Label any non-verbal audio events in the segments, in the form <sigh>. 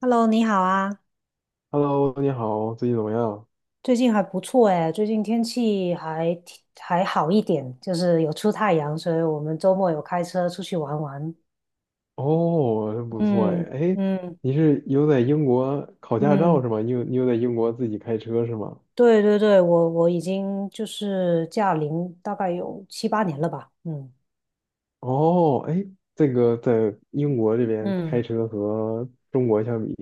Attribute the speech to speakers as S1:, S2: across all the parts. S1: Hello,你好啊。
S2: Hello，你好，最近怎么样？
S1: 最近还不错哎，最近天气还挺好一点，就是有出太阳，所以我们周末有开车出去玩玩。
S2: 哦，真不错哎。
S1: 嗯
S2: 哎，
S1: 嗯
S2: 你是有在英国考驾照
S1: 嗯，
S2: 是吗？你有在英国自己开车是吗？
S1: 对对对，我已经就是驾龄大概有七八年了吧。嗯
S2: 哦，哎，这个在英国这边开
S1: 嗯，
S2: 车和中国相比，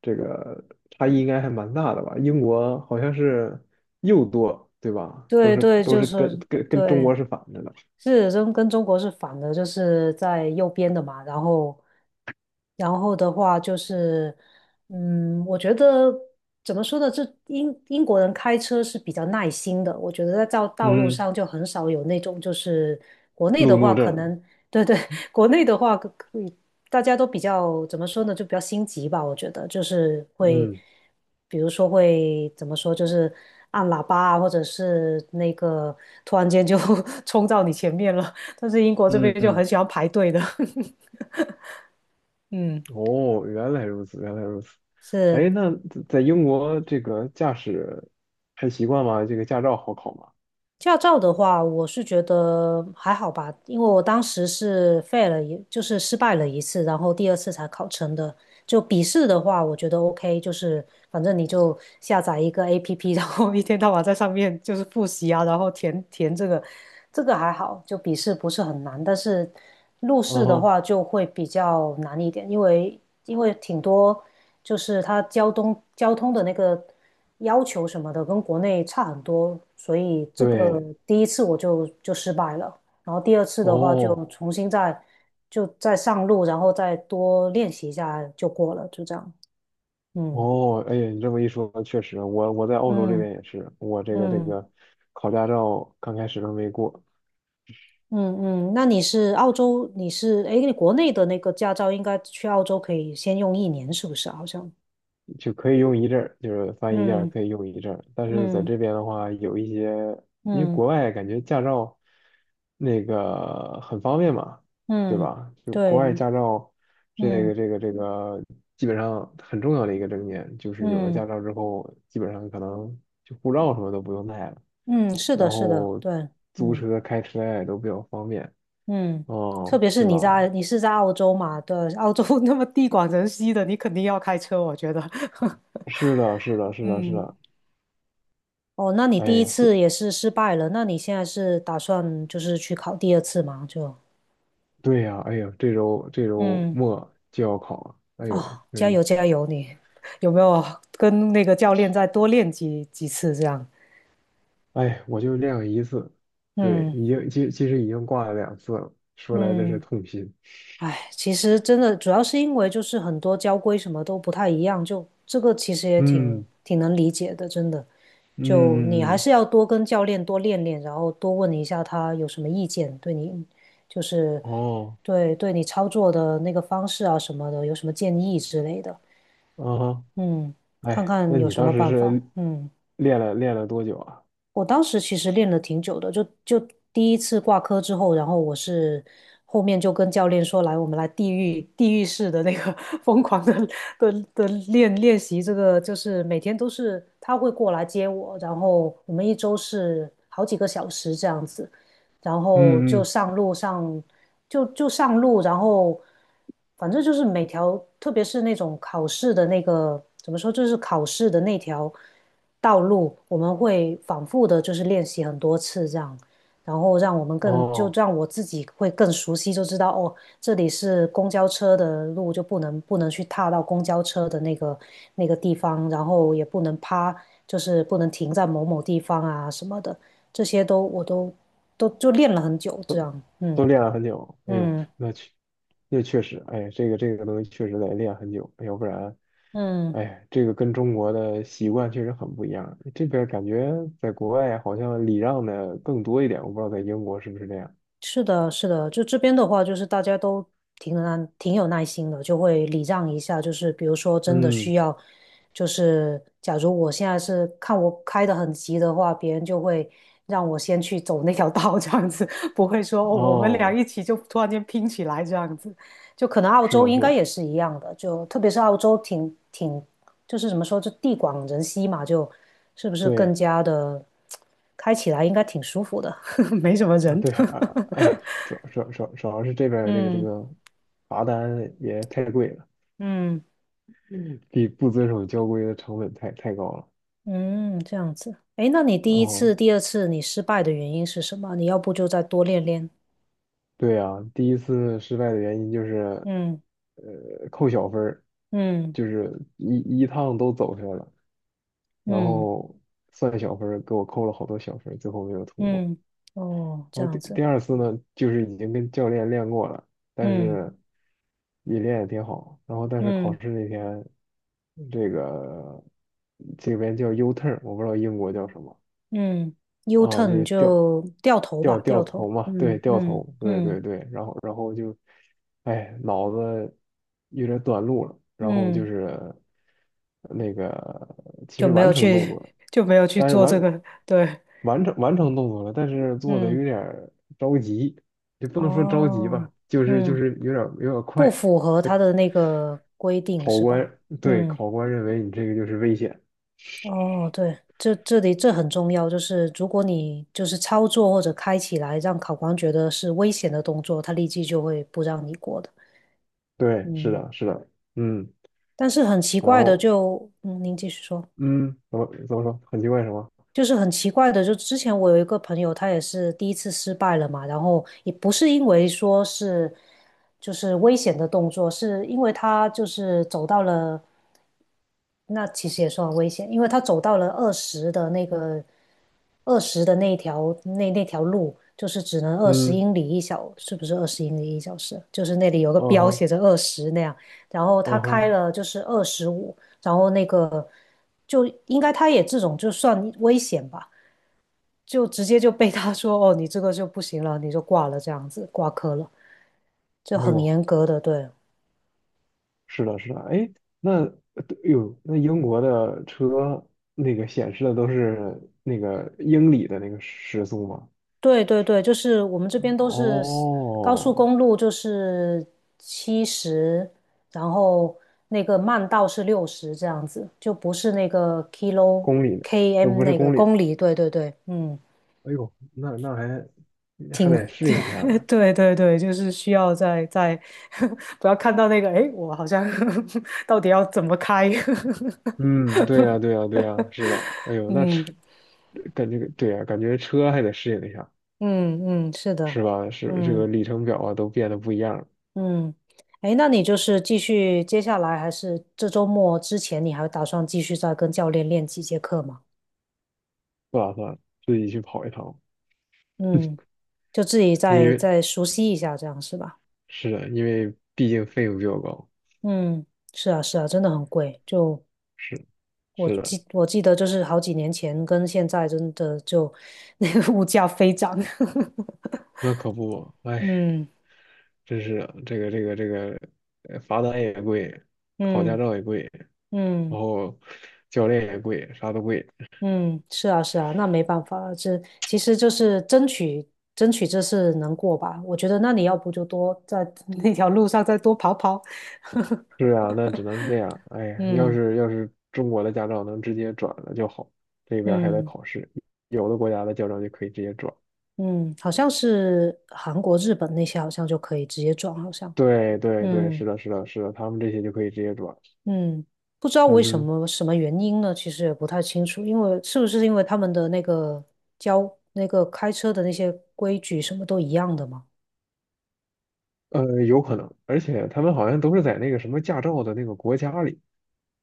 S2: 这个差异应该还蛮大的吧？英国好像是右舵，对吧？都
S1: 对
S2: 是
S1: 对，
S2: 都
S1: 就
S2: 是跟
S1: 是
S2: 中
S1: 对。
S2: 国是反着的。
S1: 是中跟中国是反的，就是在右边的嘛。然后的话就是，我觉得怎么说呢？这英国人开车是比较耐心的，我觉得在道路
S2: 嗯，
S1: 上就很少有那种就是国内的
S2: 路怒
S1: 话，可
S2: 症。
S1: 能对对。<laughs> 国内的话可以大家都比较怎么说呢？就比较心急吧，我觉得就是会。
S2: 嗯
S1: 比如说会怎么说，就是按喇叭啊，或者是那个突然间就 <laughs> 冲到你前面了。但是英国这
S2: 嗯
S1: 边就很
S2: 嗯。
S1: 喜欢排队的。<laughs> 嗯，
S2: 哦，原来如此，原来如此。哎，
S1: 是。
S2: 那在英国这个驾驶还习惯吗？这个驾照好考吗？
S1: 驾照的话，我是觉得还好吧，因为我当时是废了一，就是失败了一次，然后第二次才考成的。就笔试的话，我觉得 OK，就是反正你就下载一个 APP，然后一天到晚在上面就是复习啊，然后填这个，这个还好，就笔试不是很难，但是路
S2: 嗯
S1: 试的
S2: 哼，
S1: 话就会比较难一点，因为因为挺多就是它交通的那个。要求什么的跟国内差很多，所以这个
S2: 对，
S1: 第一次我就失败了，然后第二次的话就
S2: 哦
S1: 重新再就再上路，然后再多练习一下就过了，就这样。嗯
S2: 哦，哎呀，你这么一说，确实，我在澳洲这
S1: 嗯
S2: 边也是，我这个这
S1: 嗯
S2: 个考驾照刚开始都没过，
S1: 嗯嗯，那你是澳洲，你是诶，你国内的那个驾照应该去澳洲可以先用一年，是不是啊？好像，
S2: 就可以用一阵儿，就是翻译件儿
S1: 嗯
S2: 可以用一阵儿，但是在
S1: 嗯
S2: 这边的话，有一些，因为
S1: 嗯
S2: 国外感觉驾照那个很方便嘛，对
S1: 嗯，
S2: 吧？就国
S1: 对，
S2: 外驾照这个
S1: 嗯
S2: 这个这个基本上很重要的一个证件，就是有了驾
S1: 嗯
S2: 照之后，基本上可能就护照什么都不用带了，
S1: 嗯，是
S2: 然
S1: 的，是的，
S2: 后
S1: 对，
S2: 租
S1: 嗯。
S2: 车开车呀也都比较方便，
S1: 嗯，特
S2: 哦，
S1: 别是
S2: 是
S1: 你
S2: 吧？
S1: 在你是在澳洲嘛，对，澳洲 <laughs> 那么地广人稀的，你肯定要开车，我觉得。<laughs>
S2: 是的，是的，是的，是
S1: 嗯，
S2: 的，
S1: 哦，那你
S2: 哎
S1: 第一
S2: 呀，
S1: 次也是失败了，那你现在是打算就是去考第二次吗？就，
S2: 对呀，哎呦，这周这周
S1: 嗯，
S2: 末就要考了，哎
S1: 哦，
S2: 呦，
S1: 加
S2: 对，
S1: 油加油你。<laughs> 有没有跟那个教练再多练几次这样？
S2: 哎，我就练了一次，对，
S1: 嗯
S2: 已经其实已经挂了两次了，说来这是
S1: 嗯，
S2: 痛心。
S1: 哎，其实真的主要是因为就是很多交规什么都不太一样，就这个其实也挺
S2: 嗯
S1: 挺能理解的，真的。就你
S2: 嗯嗯
S1: 还
S2: 嗯，
S1: 是要多跟教练多练练，然后多问一下他有什么意见，对你就是
S2: 哦，
S1: 对你操作的那个方式啊什么的，有什么建议之类的。
S2: 啊哈，
S1: 嗯，看
S2: 哎，
S1: 看
S2: 那
S1: 有
S2: 你
S1: 什
S2: 当
S1: 么
S2: 时
S1: 办法。
S2: 是
S1: 嗯。
S2: 练了多久啊？
S1: 我当时其实练了挺久的，就第一次挂科之后，然后我是后面就跟教练说，来，我们来地狱式的那个 <laughs> 疯狂的的练习，这个就是每天都是他会过来接我，然后我们一周是好几个小时这样子，然后
S2: 嗯
S1: 就
S2: 嗯，
S1: 上路上，就上路，然后反正就是每条，特别是那种考试的那个，怎么说，就是考试的那条道路，我们会反复的，就是练习很多次这样，然后让我们更，就
S2: 哦。
S1: 让我自己会更熟悉，就知道哦，这里是公交车的路，就不能去踏到公交车的那个那个地方，然后也不能趴，就是不能停在某某地方啊什么的。这些我都就练了很久，这样。
S2: 都
S1: 嗯
S2: 练了很久，哎呦，
S1: 嗯
S2: 那确实，哎，这个东西确实得练很久，要不然，
S1: 嗯，
S2: 哎，这个跟中国的习惯确实很不一样。这边感觉在国外好像礼让的更多一点，我不知道在英国是不是这样。
S1: 是的，是的，就这边的话，就是大家都挺有耐挺有耐心的，就会礼让一下，就是比如说真的
S2: 嗯，
S1: 需要，就是假如我现在是看我开的很急的话，别人就会让我先去走那条道，这样子。<laughs> 不会说哦，我们俩
S2: 哦，
S1: 一起就突然间拼起来这样子，就可能澳
S2: 是
S1: 洲
S2: 的，
S1: 应
S2: 是
S1: 该
S2: 的，
S1: 也是一样的，就特别是澳洲挺就是怎么说，就地广人稀嘛，就是不是更
S2: 对
S1: 加的开起来应该挺舒服的。<laughs> 没什么
S2: 啊，
S1: 人。
S2: 对啊，哎，
S1: <laughs>
S2: 主要是这边儿这个这
S1: 嗯
S2: 个罚单也太贵了，
S1: 嗯
S2: 比不遵守交规的成本太高了。
S1: 嗯，这样子。诶，那你第一
S2: 哦。
S1: 次、第二次你失败的原因是什么？你要不就再多练练。
S2: 对呀，第一次失败的原因就是，
S1: 嗯
S2: 呃，扣小分儿，
S1: 嗯
S2: 就是一趟都走出来了，然
S1: 嗯
S2: 后算小分儿，给我扣了好多小分儿，最后没有通过。
S1: 嗯，哦，
S2: 然
S1: 这
S2: 后第
S1: 样子。
S2: 第二次呢，就是已经跟教练练过了，但
S1: 嗯
S2: 是也练得挺好，然后但是考
S1: 嗯
S2: 试那天，这个这边叫 U turn，我不知道英国叫什么。
S1: 嗯，U
S2: 啊，就
S1: turn
S2: 是掉
S1: 就掉头
S2: 掉
S1: 吧，
S2: 掉
S1: 掉头。
S2: 头嘛，对，
S1: 嗯
S2: 掉
S1: 嗯
S2: 头，对
S1: 嗯
S2: 对对，然后就，哎，脑子有点短路了，然后就
S1: 嗯，
S2: 是那个其
S1: 就
S2: 实
S1: 没
S2: 完
S1: 有
S2: 成动作
S1: 去
S2: 了，
S1: <laughs> 就没有去
S2: 但是
S1: 做
S2: 完
S1: 这个。对，
S2: 完成完成动作了，但是做的有
S1: 嗯，
S2: 点儿着急，也不能说着急吧，
S1: 哦，
S2: 就是就
S1: 嗯，
S2: 是有点
S1: 不
S2: 快，
S1: 符合
S2: 那
S1: 他的那个规定是吧？嗯，
S2: 考官认为你这个就是危险，
S1: 哦，对，这里这很重要，就是如果你就是操作或者开起来让考官觉得是危险的动作，他立即就会不让你过的。
S2: 对，是
S1: 嗯，
S2: 的，是的，嗯，
S1: 但是很奇
S2: 然
S1: 怪的
S2: 后。
S1: 就，嗯，您继续说。
S2: 嗯，怎么说？很奇怪什么？
S1: 就是很奇怪的，就之前我有一个朋友，他也是第一次失败了嘛，然后也不是因为说是就是危险的动作，是因为他就是走到了。那其实也算危险，因为他走到了二十的那个二十的那一条那条路，就是只能二十
S2: 嗯，
S1: 英里一小，是不是二十英里一小时？就是那里有个
S2: 哦
S1: 标
S2: 哈，
S1: 写着二十那样，然后他
S2: 哦
S1: 开
S2: 哈，
S1: 了就是二十五，然后那个就应该他也这种就算危险吧，就直接就被他说哦，你这个就不行了，你就挂了这样子，挂科了，就
S2: 哎
S1: 很
S2: 呦，
S1: 严格的。对。
S2: 是的，是的，哎，那对哎呦，那英国的车那个显示的都是那个英里的那个时速吗？
S1: 对对对，就是我们这边都是 高速
S2: 哦，
S1: 公路，就是七十，然后那个慢道是六十这样子，就不是那个
S2: 公里的都
S1: km
S2: 不是
S1: 那个
S2: 公里，
S1: 公里。对对对。嗯，
S2: 哎呦，那还
S1: 挺
S2: 得适应一下呢。
S1: <laughs> 对对对，就是需要在在 <laughs> 不要看到那个，诶，我好像 <laughs> 到底要怎么开？<laughs>
S2: 嗯，对呀，对呀，对呀，是的，哎呦，那
S1: 嗯
S2: 车感觉对呀，感觉车还得适应一下，
S1: 嗯嗯，是
S2: 是
S1: 的。
S2: 吧？是这个
S1: 嗯。
S2: 里程表啊，都变得不一样了。
S1: 嗯，哎，那你就是继续接下来，还是这周末之前，你还打算继续再跟教练练几节课吗？
S2: 不打算自己去跑一趟，
S1: 嗯，就自己
S2: 因
S1: 再
S2: 为
S1: 再熟悉一下，这样是吧？
S2: 是的，因为毕竟费用比较高。
S1: 嗯，是啊，是啊，真的很贵。就
S2: 是，
S1: 我
S2: 是的，
S1: 记我记得，就是好几年前跟现在，真的就 <laughs> 那个物价飞涨。
S2: 那可不嘛，
S1: <laughs>
S2: 哎，
S1: 嗯
S2: 真是的这个，罚单也贵，考驾
S1: 嗯
S2: 照也贵，然
S1: 嗯。
S2: 后教练也贵，啥都贵。
S1: 嗯，是啊，是啊，那没办法了，这其实就是争取这次能过吧。我觉得那你要不就多在 <laughs> 那条路上再多跑跑。<laughs>
S2: 是啊，那只能是这样。哎呀要
S1: 嗯
S2: 是要是中国的驾照能直接转了就好，这边儿还得
S1: 嗯
S2: 考试，有的国家的驾照就可以直接转。
S1: 嗯，好像是韩国、日本那些好像就可以直接转，好像。
S2: 对对对，
S1: 嗯
S2: 是的，是的，是的，他们这些就可以直接转。
S1: 嗯，不知道
S2: 嗯
S1: 为什
S2: 哼。
S1: 么什么原因呢？其实也不太清楚，因为是不是因为他们的那个交那个开车的那些规矩什么都一样的嘛？
S2: 有可能，而且他们好像都是在那个什么驾照的那个国家里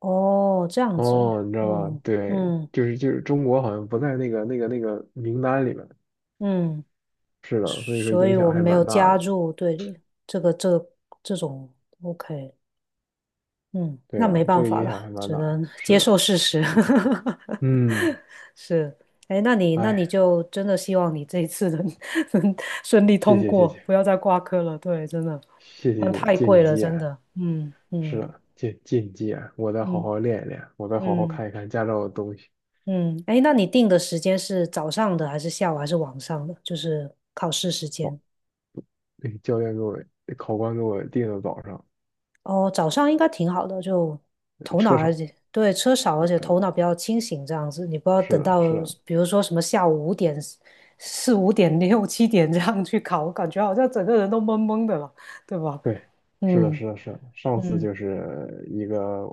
S1: 哦，这样子，
S2: 哦，你知道吧？
S1: 哦，
S2: 对，
S1: 嗯。
S2: 就是中国好像不在那个名单里面，
S1: 嗯，
S2: 是的，所以说
S1: 所
S2: 影
S1: 以
S2: 响
S1: 我
S2: 还
S1: 们没有
S2: 蛮大
S1: 加
S2: 的。
S1: 入队里，这个这这种 OK。嗯，
S2: 对
S1: 那
S2: 呀，
S1: 没
S2: 这
S1: 办
S2: 个
S1: 法
S2: 影
S1: 了，
S2: 响还蛮
S1: 只
S2: 大，
S1: 能 <laughs>
S2: 是
S1: 接受
S2: 的，
S1: 事实。
S2: 嗯，
S1: <laughs> 是，哎，那你那你
S2: 哎，
S1: 就真的希望你这一次能 <laughs> 能顺利
S2: 谢
S1: 通
S2: 谢谢
S1: 过，不
S2: 谢
S1: 要再挂科了。对，真的。
S2: 谢谢
S1: 嗯，
S2: 谢谢，
S1: 太
S2: 借你
S1: 贵
S2: 吉
S1: 了，
S2: 言，
S1: 真的。嗯
S2: 是
S1: 嗯
S2: 的，借你吉言，我再好
S1: 嗯
S2: 好练一练，我再好好
S1: 嗯
S2: 看一看驾照的东西。
S1: 嗯，哎，那你定的时间是早上的还是下午还是晚上的？就是考试时间。
S2: 那个教练给我，考官给我定的早上，
S1: 哦，早上应该挺好的，就头脑
S2: 车
S1: 而
S2: 少，
S1: 且对车少，而
S2: 呃，
S1: 且
S2: 呃
S1: 头脑比较清醒，这样子你不要
S2: 是
S1: 等
S2: 的，
S1: 到
S2: 是的，
S1: 比如说什么下午五点、四五点、六七点这样去考，感觉好像整个人都懵懵的了，对吧？
S2: 对，是的，
S1: 嗯
S2: 是的，是的。上次
S1: 嗯
S2: 就是一个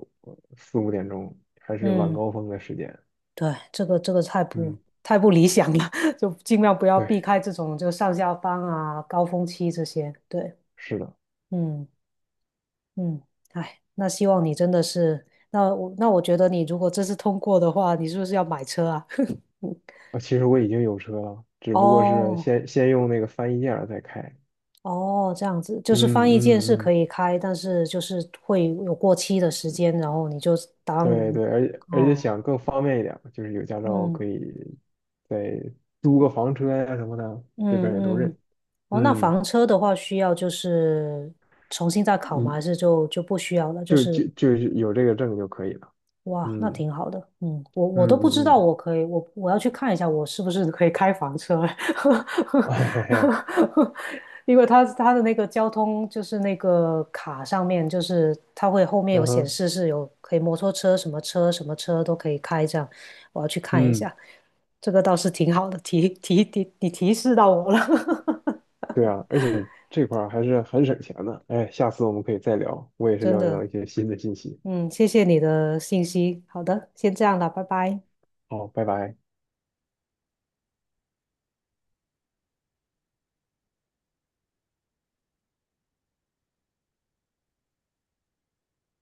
S2: 四五点钟，还是晚
S1: 嗯，
S2: 高峰的时间。
S1: 对，这个这个太不
S2: 嗯，
S1: 太不理想了。<laughs> 就尽量不要避
S2: 对，
S1: 开这种就上下班啊、高峰期这些。对，
S2: 是的。
S1: 嗯。嗯，哎，那希望你真的是，那我觉得你如果这次通过的话，你是不是要买车啊？
S2: 啊，其实我已经有车了，
S1: <laughs>
S2: 只不过是
S1: 哦
S2: 先用那个翻译件儿再开。
S1: 哦，这样子就是
S2: 嗯
S1: 翻译件是
S2: 嗯嗯，
S1: 可以开，但是就是会有过期的时间，然后你就当
S2: 对对，而且
S1: 哦，
S2: 想更方便一点儿就是有驾照
S1: 嗯
S2: 可以再租个房车呀、什么的，这边儿也都
S1: 嗯
S2: 认。
S1: 嗯，哦，那
S2: 嗯
S1: 房车的话需要就是重新再考吗？
S2: 嗯，
S1: 还是就就不需要了？就
S2: 就
S1: 是
S2: 就就是有这个证就可以了。
S1: 哇，那
S2: 嗯
S1: 挺好的。嗯，我
S2: 嗯
S1: 都不知
S2: 嗯
S1: 道，
S2: 嗯，
S1: 我可以，我要去看一下，我是不是可以开房车。
S2: <laughs> 嘿嘿嘿，
S1: <laughs> 因为它的那个交通就是那个卡上面，就是它会后面有
S2: 嗯
S1: 显
S2: 哼，
S1: 示是有可以摩托车什么车什么车都可以开这样，我要去看一
S2: 嗯。
S1: 下。这个倒是挺好的，提示到我了。
S2: 对啊，而且这块儿还是很省钱的。哎，下次我们可以再聊，我也
S1: <laughs>
S2: 是
S1: 真
S2: 了解到
S1: 的。
S2: 一些新的信息。
S1: 嗯，谢谢你的信息。好的，先这样了，拜拜。
S2: 好，拜拜。